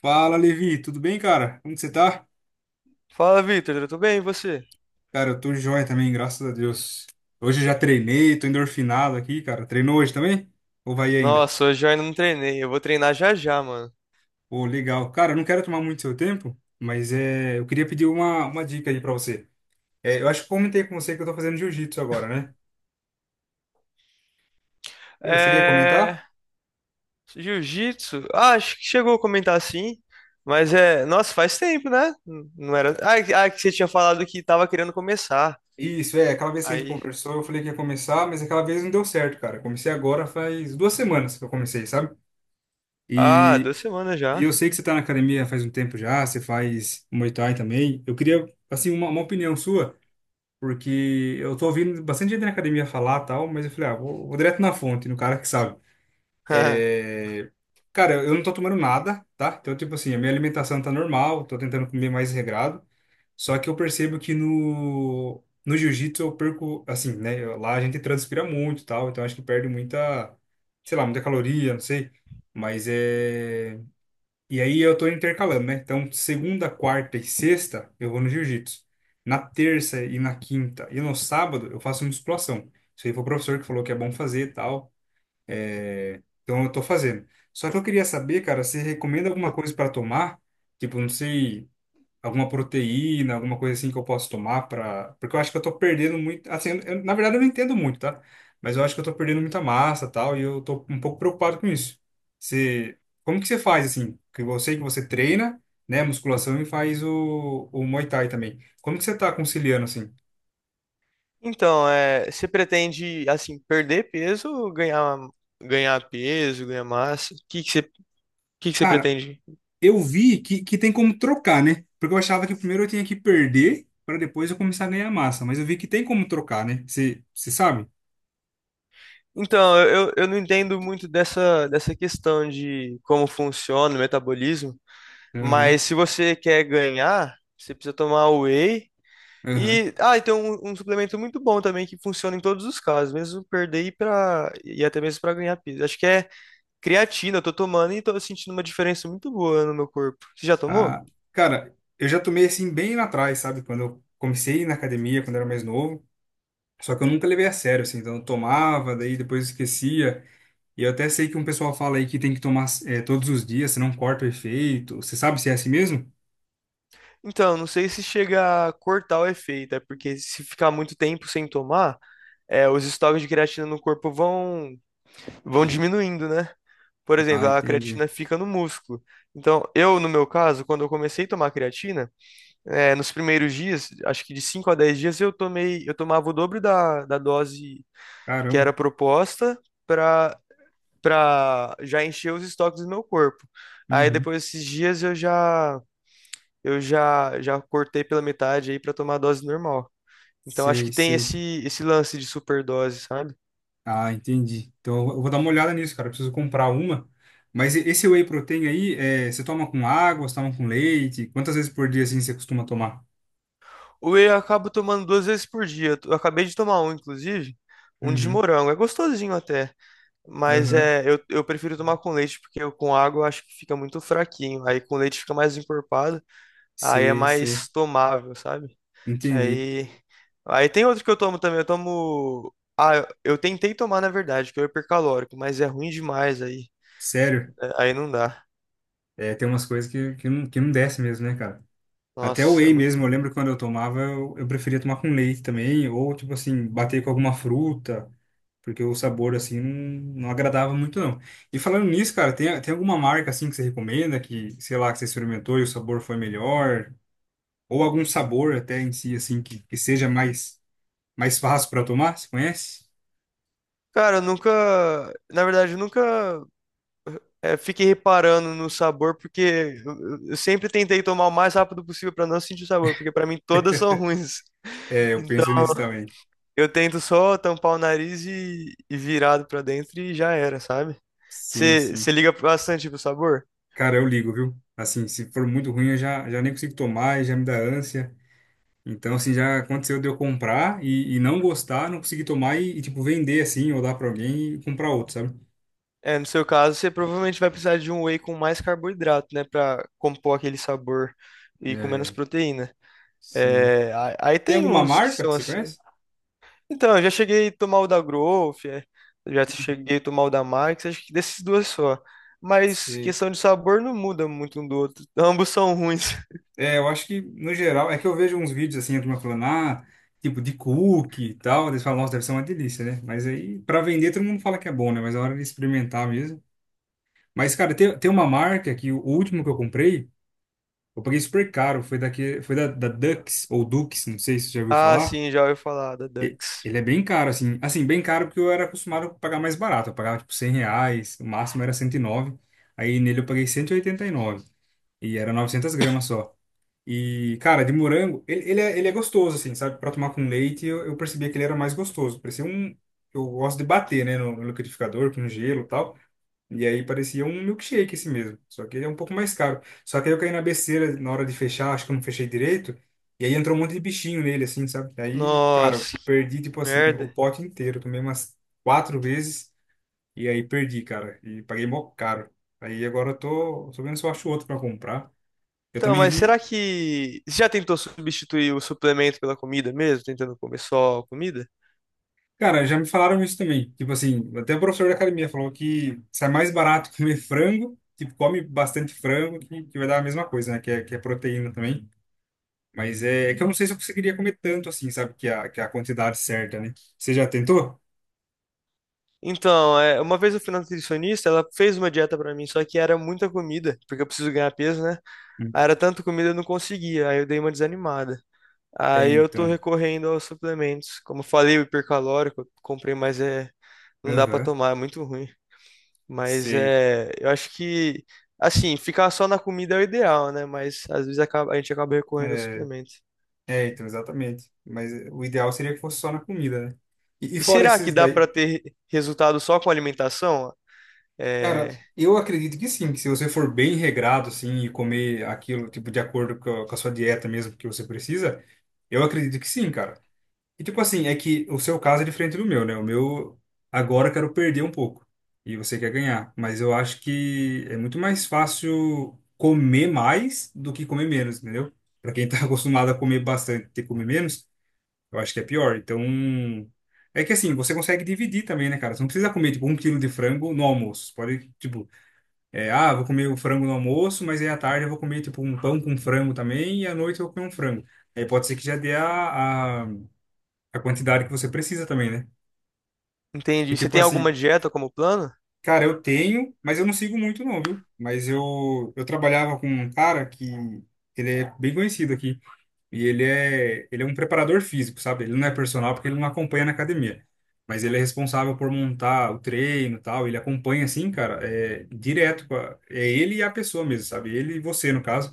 Fala, Levi, tudo bem, cara? Como que você tá? Fala, Victor, tudo bem? E você? Cara, eu tô joia também, graças a Deus. Hoje eu já treinei, tô endorfinado aqui, cara. Treinou hoje também? Ou vai ainda? Nossa, hoje eu ainda não treinei. Eu vou treinar já já, mano. Pô, legal. Cara, eu não quero tomar muito seu tempo, mas é, eu queria pedir uma dica aí pra você. É, eu acho que comentei com você que eu tô fazendo jiu-jitsu agora, né? Eu cheguei a É. comentar? Jiu-jitsu? Ah, acho que chegou a comentar sim. Mas é. Nossa, faz tempo, né? Não era. Ah, que você tinha falado que tava querendo começar. Isso, é, aquela vez que a gente Aí. conversou, eu falei que ia começar, mas aquela vez não deu certo, cara. Eu comecei agora faz 2 semanas que eu comecei, sabe? Ah, E 2 semanas E já. eu sei que você está na academia faz um tempo já, você faz Muay Thai também. Eu queria, assim, uma opinião sua, porque eu tô ouvindo bastante gente na academia falar tal, mas eu falei, ah, vou direto na fonte, no cara que sabe. É... Cara, eu não tô tomando nada, tá? Então, tipo assim, a minha alimentação tá normal, tô tentando comer mais regrado. Só que eu percebo que no jiu-jitsu eu perco, assim, né? Lá a gente transpira muito e tal, então acho que perde sei lá, muita caloria, não sei. Mas é. E aí eu tô intercalando, né? Então, segunda, quarta e sexta eu vou no jiu-jitsu. Na terça e na quinta e no sábado eu faço musculação. Isso aí foi o professor que falou que é bom fazer e tal. É, então eu tô fazendo. Só que eu queria saber, cara, se recomenda alguma coisa para tomar? Tipo, não sei, alguma proteína, alguma coisa assim que eu posso tomar para, porque eu acho que eu tô perdendo muito, assim, na verdade eu não entendo muito, tá? Mas eu acho que eu tô perdendo muita massa, e tal, e eu tô um pouco preocupado com isso. Você, como que você faz assim? Que eu sei que você treina, né, musculação e faz o Muay Thai também. Como que você tá conciliando assim? Então, é. Você pretende, assim, perder peso ou ganhar peso, ganhar massa? O que que você Cara, pretende? eu vi que tem como trocar, né? Porque eu achava que primeiro eu tinha que perder para depois eu começar a ganhar massa, mas eu vi que tem como trocar, né? Você sabe? Então, eu não entendo muito dessa questão de como funciona o metabolismo, Aham, mas se você quer ganhar, você precisa tomar whey. aham. E tem um suplemento muito bom também que funciona em todos os casos, mesmo perder e até mesmo para ganhar peso. Acho que é creatina, eu tô tomando e tô sentindo uma diferença muito boa no meu corpo. Você já tomou? Ah, cara, eu já tomei assim bem lá atrás, sabe? Quando eu comecei na academia, quando eu era mais novo. Só que eu nunca levei a sério, assim. Então eu tomava, daí depois esquecia. E eu até sei que um pessoal fala aí que tem que tomar todos os dias, senão corta o efeito. Você sabe se é assim mesmo? Então, não sei se chega a cortar o efeito, é porque se ficar muito tempo sem tomar, os estoques de creatina no corpo vão diminuindo, né? Por Ah, exemplo, a entendi. creatina fica no músculo. Então, eu, no meu caso, quando eu comecei a tomar creatina, nos primeiros dias, acho que de 5 a 10 dias, eu tomava o dobro da dose que Caramba. era proposta para para já encher os estoques do meu corpo. Aí Uhum. depois desses dias eu já cortei pela metade aí para tomar a dose normal. Então acho Sei, que tem sei. esse lance de superdose, sabe? Ah, entendi. Então eu vou dar uma olhada nisso, cara. Eu preciso comprar uma. Mas esse whey protein aí, você toma com água, você toma com leite? Quantas vezes por dia assim você costuma tomar? Whey eu acabo tomando 2 vezes por dia. Eu acabei de tomar um, inclusive, um de Uhum. morango. É gostosinho até, mas Aham. é, eu prefiro tomar com leite, porque eu, com água eu acho que fica muito fraquinho. Aí com leite fica mais encorpado, aí é Sei, sei. mais tomável, sabe? Entendi. Aí, aí, tem outro que eu tomo também. Eu tomo. Ah, eu tentei tomar, na verdade, que é o hipercalórico, mas é ruim demais aí. Sério, É, aí não dá. é, tem umas coisas não, que não desce mesmo, né, cara? Até o Nossa, é whey muito mesmo, eu ruim. lembro que quando eu tomava, eu preferia tomar com leite também, ou tipo assim, bater com alguma fruta, porque o sabor assim não agradava muito não. E falando nisso, cara, tem alguma marca assim que você recomenda, que, sei lá, que você experimentou e o sabor foi melhor, ou algum sabor até em si, assim, que seja mais, mais fácil para tomar, você conhece? Cara, eu nunca. Na verdade, eu nunca fique reparando no sabor, porque eu sempre tentei tomar o mais rápido possível para não sentir o sabor, porque para mim todas são ruins. É, eu Então penso nisso também. eu tento só tampar o nariz e virado para dentro e já era, sabe? Sim, Você sim. você liga bastante pro sabor? Cara, eu ligo, viu? Assim, se for muito ruim, eu já nem consigo tomar e já me dá ânsia. Então, assim, já aconteceu de eu comprar e não gostar, não conseguir tomar tipo, vender assim, ou dar pra alguém e comprar outro, sabe? É, no seu caso, você provavelmente vai precisar de um whey com mais carboidrato, né, para compor aquele sabor e com menos É, proteína. sim. É, aí Tem tem alguma uns que marca são que você assim. conhece? Então, eu já cheguei a tomar o da Growth, já cheguei a tomar o da Max, acho que desses duas só. Mas Sim. questão de sabor não muda muito um do outro. Ambos são ruins. É, eu acho que, no geral, é que eu vejo uns vídeos assim, a turma falando, ah, tipo, de cookie e tal. Eles falam, nossa, deve ser uma delícia, né? Mas aí, pra vender, todo mundo fala que é bom, né? Mas é hora de experimentar mesmo. Mas, cara, tem uma marca que o último que eu comprei. Eu paguei super caro, foi daqui, foi da Dux, ou Dux, não sei se você já ouviu Ah, falar. sim, já ouvi falar da Dux. Ele é bem caro, assim. Assim, bem caro porque eu era acostumado a pagar mais barato. Eu pagava, tipo, 100 reais, o máximo era 109. Aí nele eu paguei cento e oitenta e nove. E era 900 gramas só. E, cara, de morango, ele é gostoso, assim, sabe? Pra tomar com leite, eu percebia que ele era mais gostoso. Parecia um... Eu gosto de bater, né, no liquidificador, com gelo e tal. E aí parecia um milkshake esse mesmo, só que ele é um pouco mais caro. Só que aí eu caí na besteira na hora de fechar, acho que eu não fechei direito, e aí entrou um monte de bichinho nele, assim, sabe? Aí, cara, eu Nossa, que perdi, tipo assim, o merda. pote inteiro, tomei umas 4 vezes, e aí perdi, cara, e paguei mó caro. Aí agora eu tô vendo se eu acho outro pra comprar. Eu Então, também mas vi, será que você já tentou substituir o suplemento pela comida mesmo, tentando comer só comida? cara, já me falaram isso também, tipo assim, até o professor da academia falou que sai mais barato comer frango, tipo, come bastante frango, que vai dar a mesma coisa, né, que é proteína também. Mas é, é que eu não sei se eu conseguiria comer tanto assim, sabe? Que a quantidade certa, né? Você já tentou? Então, uma vez eu fui na nutricionista, ela fez uma dieta pra mim, só que era muita comida, porque eu preciso ganhar peso, né? Aí Hum. era tanta comida eu não conseguia, aí eu dei uma desanimada. É, Aí eu tô então. recorrendo aos suplementos. Como falei, o hipercalórico, eu comprei, não dá pra Aham, tomar, é muito ruim. Sei. Eu acho que, assim, ficar só na comida é o ideal, né? Mas às vezes a gente acaba recorrendo aos É, suplementos. é, então, exatamente. Mas é, o ideal seria que fosse só na comida, né? E E fora será que esses dá daí. pra ter resultado só com alimentação? Cara, É, eu acredito que sim, que se você for bem regrado, assim, e comer aquilo, tipo, de acordo com a sua dieta mesmo que você precisa, eu acredito que sim, cara. E tipo assim, é que o seu caso é diferente do meu, né? O meu agora eu quero perder um pouco e você quer ganhar, mas eu acho que é muito mais fácil comer mais do que comer menos, entendeu? Pra quem tá acostumado a comer bastante e ter que comer menos, eu acho que é pior. Então, é que assim, você consegue dividir também, né, cara? Você não precisa comer tipo um quilo de frango no almoço. Você pode, tipo, é, ah, vou comer o frango no almoço, mas aí à tarde eu vou comer tipo um pão com frango também e à noite eu vou comer um frango. Aí pode ser que já dê a quantidade que você precisa também, né? E entendi. Você tipo tem assim, alguma dieta como plano? cara, eu tenho, mas eu não sigo muito não, viu? Mas eu trabalhava com um cara que ele é bem conhecido aqui e ele é um preparador físico, sabe? Ele não é personal porque ele não acompanha na academia, mas ele é responsável por montar o treino, e tal, ele acompanha assim, cara, é direto com é ele e a pessoa mesmo, sabe? Ele e você no caso.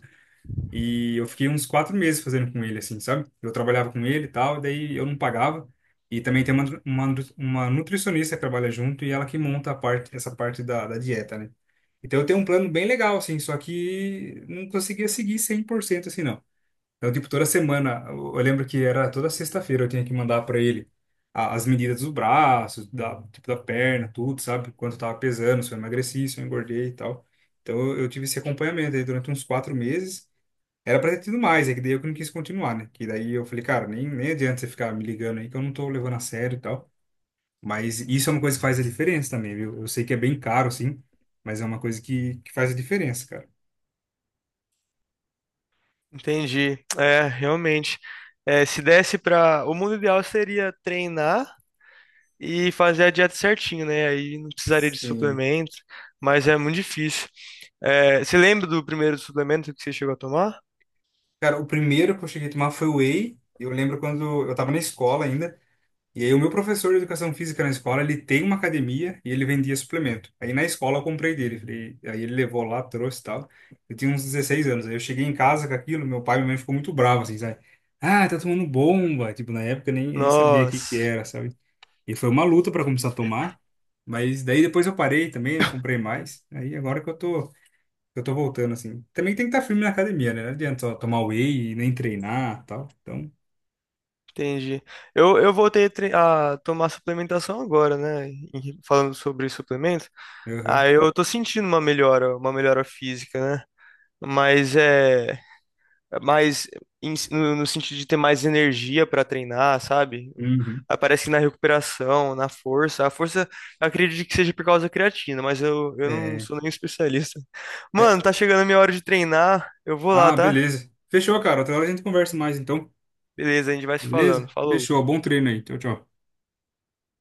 E eu fiquei uns 4 meses fazendo com ele, assim, sabe? Eu trabalhava com ele e tal, e daí eu não pagava. E também tem uma, uma nutricionista que trabalha junto e ela que monta a parte, essa parte da dieta, né? Então eu tenho um plano bem legal, assim, só que não conseguia seguir 100% assim, não. Então, tipo, toda semana, eu lembro que era toda sexta-feira eu tinha que mandar para ele as medidas dos braços, da, tipo, da perna, tudo, sabe? Quanto eu tava pesando, se eu emagreci, se eu engordei e tal. Então eu tive esse acompanhamento aí durante uns 4 meses. Era pra ter tido mais, é que daí eu que não quis continuar, né? Que daí eu falei, cara, nem adianta você ficar me ligando aí que eu não tô levando a sério e tal. Mas isso é uma coisa que faz a diferença também, viu? Eu sei que é bem caro, sim, mas é uma coisa que faz a diferença, cara. Entendi. É, realmente. É, se desse pra. O mundo ideal seria treinar e fazer a dieta certinho, né? Aí não precisaria de Sim. suplemento, mas é muito difícil. É, você lembra do primeiro suplemento que você chegou a tomar? Cara, o primeiro que eu cheguei a tomar foi o whey. Eu lembro quando eu tava na escola ainda. E aí o meu professor de educação física na escola, ele tem uma academia e ele vendia suplemento. Aí na escola eu comprei dele, aí ele levou lá, trouxe e tal. Eu tinha uns 16 anos, aí eu cheguei em casa com aquilo, meu pai e minha mãe ficou muito bravo, assim, sabe? Ah, tá tomando bomba! Tipo, na época eu nem sabia o que que Nossa, era, sabe? E foi uma luta para começar a tomar, mas daí depois eu parei também, não comprei mais. Aí agora que eu tô voltando, assim. Também tem que estar firme na academia, né? Não adianta só tomar whey e nem treinar e tal. Então, entendi. Eu voltei a tomar suplementação agora, né? Falando sobre suplemento. aham. Ah, eu tô sentindo uma melhora física, né? Mas é. Mais si, no sentido de ter mais energia para treinar, sabe? Uhum. Aparece na recuperação, na força. A força, eu acredito que seja por causa da creatina, mas eu não É. sou nenhum especialista. Mano, tá chegando a minha hora de treinar. Eu vou lá, Ah, tá? beleza. Fechou, cara. Outra hora a gente conversa mais, então. Beleza, a gente vai se falando. Beleza? Falou. Fechou. Bom treino aí. Tchau, tchau.